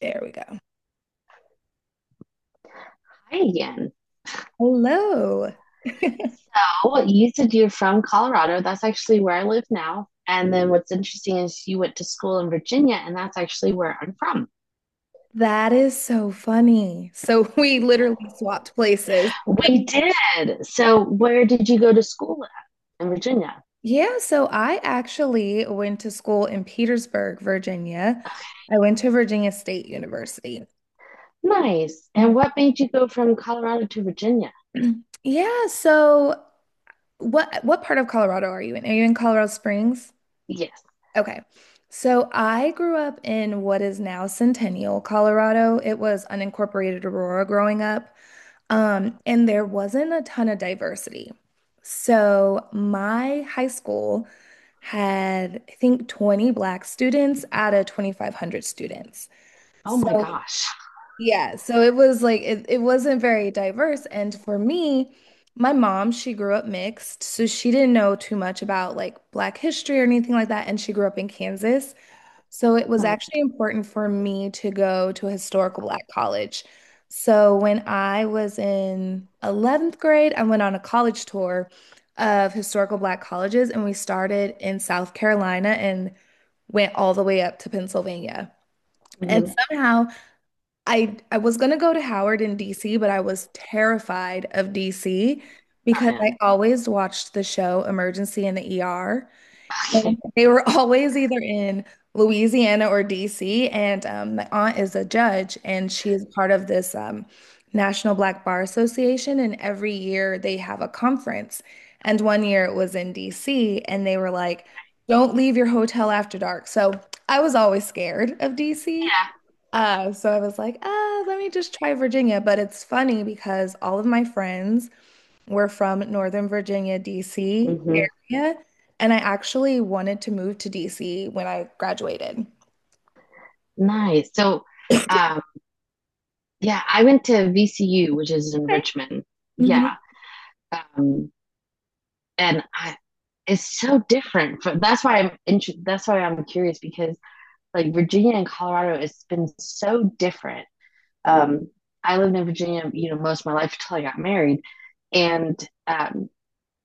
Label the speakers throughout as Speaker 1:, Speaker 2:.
Speaker 1: There we go.
Speaker 2: Hi again.
Speaker 1: Hello.
Speaker 2: Oh, you said you're from Colorado. That's actually where I live now. And then what's interesting is you went to school in Virginia, and that's actually where I'm from.
Speaker 1: That is so funny. So we literally swapped places.
Speaker 2: We did. So, where did you go to school at? In Virginia?
Speaker 1: Yeah, so I actually went to school in Petersburg, Virginia. I went to Virginia State University.
Speaker 2: Nice. And what made you go from Colorado to Virginia?
Speaker 1: Yeah, so what part of Colorado are you in? Are you in Colorado Springs?
Speaker 2: Yes.
Speaker 1: Okay. So I grew up in what is now Centennial, Colorado. It was unincorporated Aurora growing up. And there wasn't a ton of diversity. So my high school had, I think, 20 black students out of 2,500 students.
Speaker 2: Oh my
Speaker 1: So
Speaker 2: gosh.
Speaker 1: yeah, so it was like it wasn't very diverse. And for me, my mom, she grew up mixed, so she didn't know too much about like black history or anything like that. And she grew up in Kansas. So it was
Speaker 2: Oh,
Speaker 1: actually important for me to go to a historical black college. So when I was in 11th grade, I went on a college tour of historical black colleges, and we started in South Carolina and went all the way up to Pennsylvania. And
Speaker 2: hmm.
Speaker 1: somehow I was going to go to Howard in DC, but I was terrified of DC
Speaker 2: Oh
Speaker 1: because
Speaker 2: yeah.
Speaker 1: I always watched the show Emergency in the ER. And
Speaker 2: Okay.
Speaker 1: they were always either in Louisiana or DC. And my aunt is a judge, and she is part of this National Black Bar Association. And every year they have a conference. And one year it was in DC, and they were like, "Don't leave your hotel after dark." So I was always scared of DC. So I was like, "Ah, let me just try Virginia." But it's funny because all of my friends we're from Northern Virginia,
Speaker 2: Yeah.
Speaker 1: DC
Speaker 2: Hmm.
Speaker 1: area, and I actually wanted to move to DC when I graduated.
Speaker 2: Nice. So, um, yeah, I went to VCU, which is in
Speaker 1: Okay.
Speaker 2: Richmond.
Speaker 1: Hmm.
Speaker 2: Yeah. Um, and I, it's so different. That's why that's why I'm curious because like Virginia and Colorado, it's been so different. Um, I lived in Virginia, you know, most of my life until I got married, and um,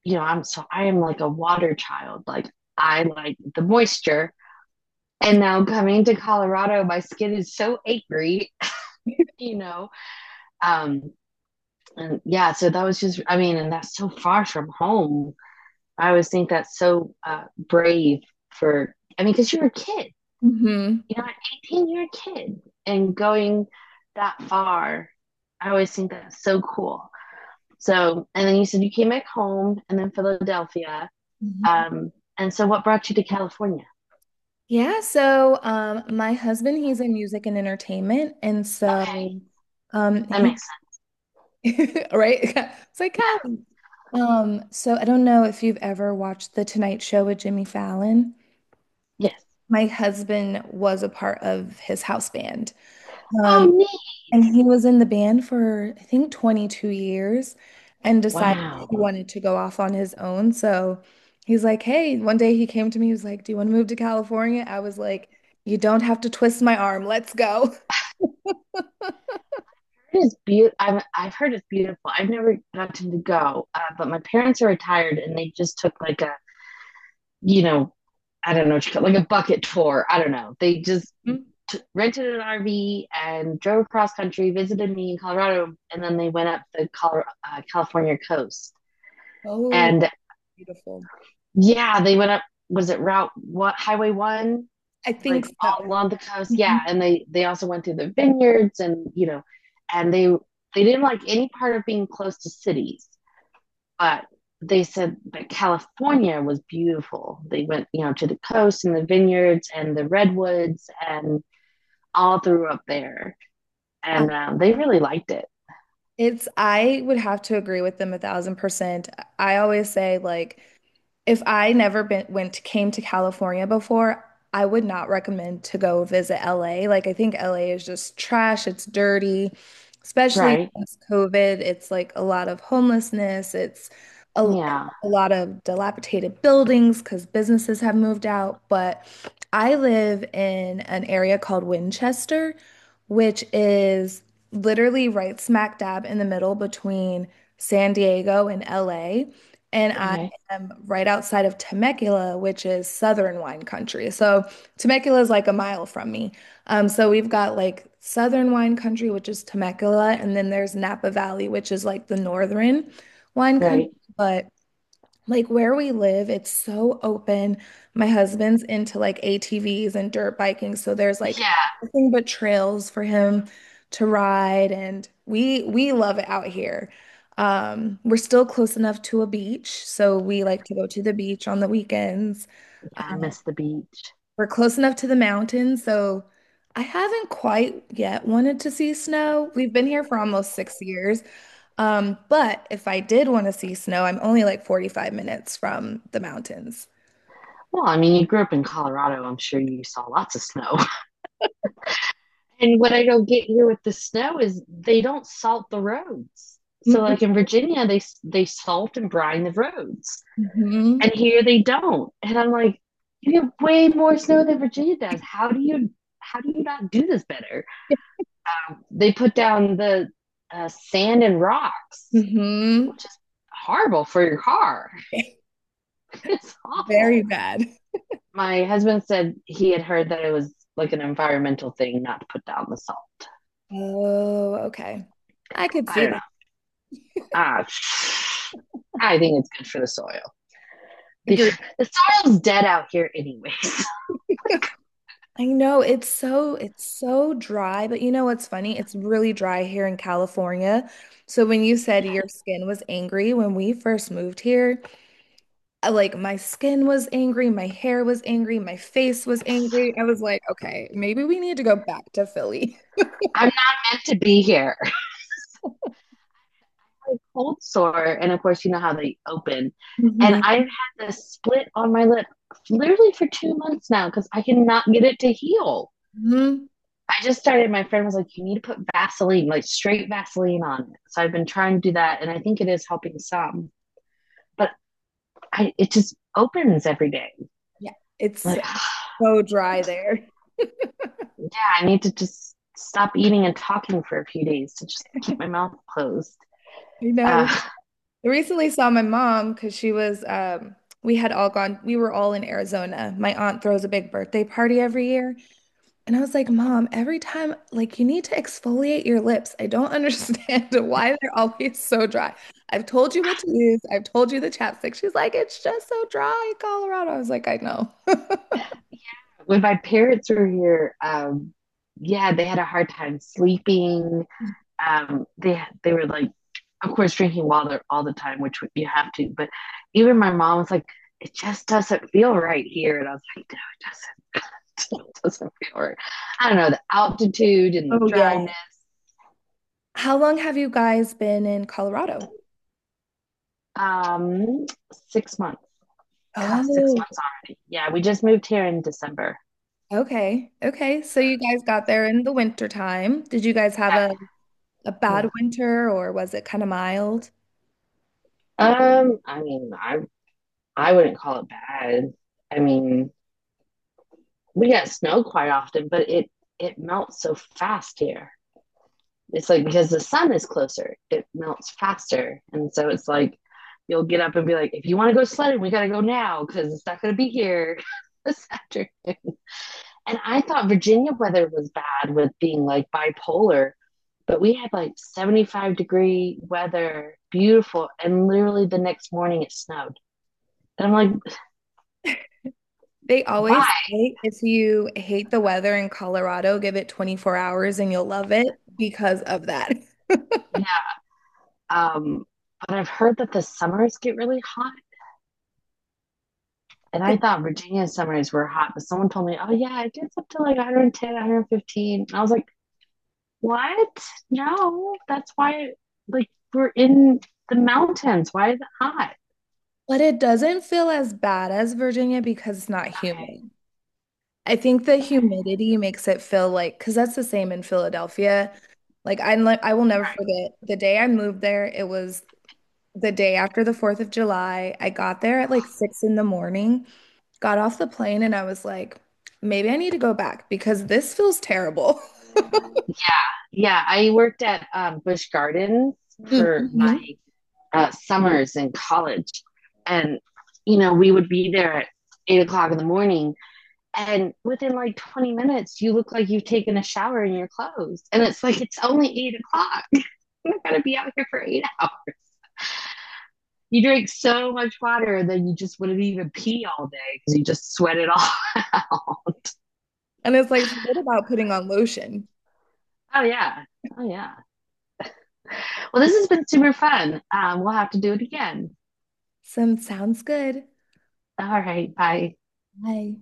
Speaker 2: you know, I am like a water child. Like I like the moisture, and now coming to Colorado, my skin is so angry, you know. Um, and yeah, so that was just I mean, and that's so far from home. I always think that's so brave for, I mean, because you're a kid,
Speaker 1: Hmm.
Speaker 2: you know, at 18, you're a kid and going that far, I always think that's so cool. So, and then you said you came back home and then Philadelphia. Um, and so what brought you to California?
Speaker 1: Yeah, so my husband, he's in music and entertainment, and
Speaker 2: Okay.
Speaker 1: so
Speaker 2: That
Speaker 1: he
Speaker 2: makes sense.
Speaker 1: right, it's like Callie. So I don't know if you've ever watched The Tonight Show with Jimmy Fallon.
Speaker 2: Yeah. Yes.
Speaker 1: My husband was a part of his house band.
Speaker 2: Oh,
Speaker 1: Um,
Speaker 2: neat.
Speaker 1: And he was in the band for, I think, 22 years and decided he
Speaker 2: Wow.
Speaker 1: wanted to go off on his own. So he's like, hey, one day he came to me, he was like, do you want to move to California? I was like, you don't have to twist my arm. Let's go.
Speaker 2: It is beautiful. I've heard it's beautiful. I've never gotten to go, but my parents are retired and they just took like a, you know, I don't know what you call it, like a bucket tour. I don't know. They just
Speaker 1: Mhm.
Speaker 2: rented an RV and drove across country, visited me in Colorado, and then they went up the California coast.
Speaker 1: Oh,
Speaker 2: And
Speaker 1: beautiful.
Speaker 2: yeah, they went up. Was it Route What Highway One?
Speaker 1: I think
Speaker 2: Like
Speaker 1: so.
Speaker 2: all along the coast.
Speaker 1: Mhm.
Speaker 2: Yeah, and they also went through the vineyards and you know, and they didn't like any part of being close to cities, but they said that California was beautiful. They went, you know, to the coast and the vineyards and the redwoods and all through up there,
Speaker 1: Uh,
Speaker 2: and they really liked it.
Speaker 1: It's, I would have to agree with them 1,000%. I always say, like, if I never been went came to California before, I would not recommend to go visit LA. Like I think LA is just trash. It's dirty, especially
Speaker 2: Right.
Speaker 1: since COVID. It's like a lot of homelessness. It's a,
Speaker 2: Yeah.
Speaker 1: a lot of dilapidated buildings because businesses have moved out. But I live in an area called Winchester, which is literally right smack dab in the middle between San Diego and LA. And I
Speaker 2: Okay.
Speaker 1: am right outside of Temecula, which is southern wine country. So Temecula is like a mile from me. So we've got like southern wine country, which is Temecula, and then there's Napa Valley, which is like the northern wine country.
Speaker 2: Right.
Speaker 1: But like where we live, it's so open. My husband's into like ATVs and dirt biking, so there's like
Speaker 2: Yeah.
Speaker 1: nothing but trails for him to ride, and we love it out here. We're still close enough to a beach, so we like to go to the beach on the weekends.
Speaker 2: Yeah. I miss the beach.
Speaker 1: We're close enough to the mountains, so I haven't quite yet wanted to see snow. We've been here for almost 6 years. But if I did want to see snow, I'm only like 45 minutes from the mountains.
Speaker 2: Well, I mean, you grew up in Colorado. I'm sure you saw lots of snow. And what I don't get here with the snow is they don't salt the roads. So, like in Virginia, they salt and brine the roads.
Speaker 1: Mm-hmm.
Speaker 2: And here they don't. And I'm like, you get way more snow than Virginia does. How do you not do this better? They put down the sand and rocks,
Speaker 1: Mm-hmm.
Speaker 2: which is horrible for your car. It's
Speaker 1: Very
Speaker 2: awful.
Speaker 1: bad.
Speaker 2: My husband said he had heard that it was like an environmental thing not to put down the salt.
Speaker 1: Oh, okay. I could
Speaker 2: I
Speaker 1: see
Speaker 2: don't know.
Speaker 1: that.
Speaker 2: Ah, I think it's good for the soil. The,
Speaker 1: You're
Speaker 2: the soil's dead out here, anyways.
Speaker 1: I know it's so dry, but you know what's funny? It's really dry here in California. So when you said your skin was angry when we first moved here, like my skin was angry, my hair was angry, my face was angry. I was like, okay, maybe we need to go back to Philly.
Speaker 2: I'm not meant to be here. Like cold sore. And of course, you know how they open. And I've had this split on my lip literally for 2 months now because I cannot get it to heal.
Speaker 1: Mm-hmm.
Speaker 2: I just started, my friend was like, you need to put Vaseline, like straight Vaseline on it. So I've been trying to do that. And I think it is helping some, but it just opens every day.
Speaker 1: Yeah, it's
Speaker 2: Like, yeah,
Speaker 1: so dry there.
Speaker 2: I need to just stop eating and talking for a few days to just keep my mouth closed.
Speaker 1: You know, I
Speaker 2: Uh,
Speaker 1: I recently saw my mom because she was, we had all gone, we were all in Arizona. My aunt throws a big birthday party every year. And I was like, Mom, every time, like, you need to exfoliate your lips. I don't understand why they're always so dry. I've told you what to use, I've told you the chapstick. She's like, it's just so dry in Colorado. I was like, I know.
Speaker 2: when my parents were here, yeah, they had a hard time sleeping, they were like, of course, drinking water all the time, which you have to. But even my mom was like, it just doesn't feel right here, and I was like, no, it doesn't. It doesn't feel right. I don't know, the altitude and the
Speaker 1: Oh,
Speaker 2: dryness.
Speaker 1: yeah. How long have you guys been in Colorado?
Speaker 2: Um, 6 months. God, six
Speaker 1: Oh,
Speaker 2: months already. Yeah, we just moved here in December.
Speaker 1: okay. Okay. So you guys got there in the winter time. Did you guys have a bad
Speaker 2: Yeah.
Speaker 1: winter or was it kind of mild?
Speaker 2: Um, I mean, I I wouldn't call it bad. I mean, we get snow quite often, but it melts so fast here. It's like because the sun is closer, it melts faster. And so it's like you'll get up and be like, if you want to go sledding, we got to go now because it's not going to be here this afternoon. And I thought Virginia weather was bad with being like bipolar, but we had like 75-degree weather, beautiful. And literally the next morning it snowed. And I'm like,
Speaker 1: They always
Speaker 2: why?
Speaker 1: say if you hate the weather in Colorado, give it 24 hours and you'll love it because of that.
Speaker 2: Yeah. Um, but I've heard that the summers get really hot. And
Speaker 1: It-
Speaker 2: I thought Virginia summers were hot, but someone told me, oh, yeah, it gets up to like 110, 115. I was like, what? No, that's why, like, we're in the mountains. Why is it hot?
Speaker 1: But it doesn't feel as bad as Virginia because it's not
Speaker 2: Okay.
Speaker 1: humid. I think the humidity makes it feel like, because that's the same in Philadelphia. Like I will never forget the day I moved there. It was the day after the 4th of July. I got there at like six in the morning got off the plane and I was like, maybe I need to go back because this feels terrible.
Speaker 2: Okay. Yeah, I worked at Busch Gardens for my
Speaker 1: Mm-hmm.
Speaker 2: summers in college. And, you know, we would be there at 8 o'clock in the morning. And within like 20 minutes, you look like you've taken a shower in your clothes. And it's like, it's only 8 o'clock. I'm not gonna be out here for 8 hours. You drink so much water, then you just wouldn't even pee all day because you just sweat it all out.
Speaker 1: And it's like, forget about putting on lotion.
Speaker 2: Oh yeah, oh yeah. Well, this has been super fun. We'll have to do it again.
Speaker 1: Some sounds good.
Speaker 2: All right, bye.
Speaker 1: Bye.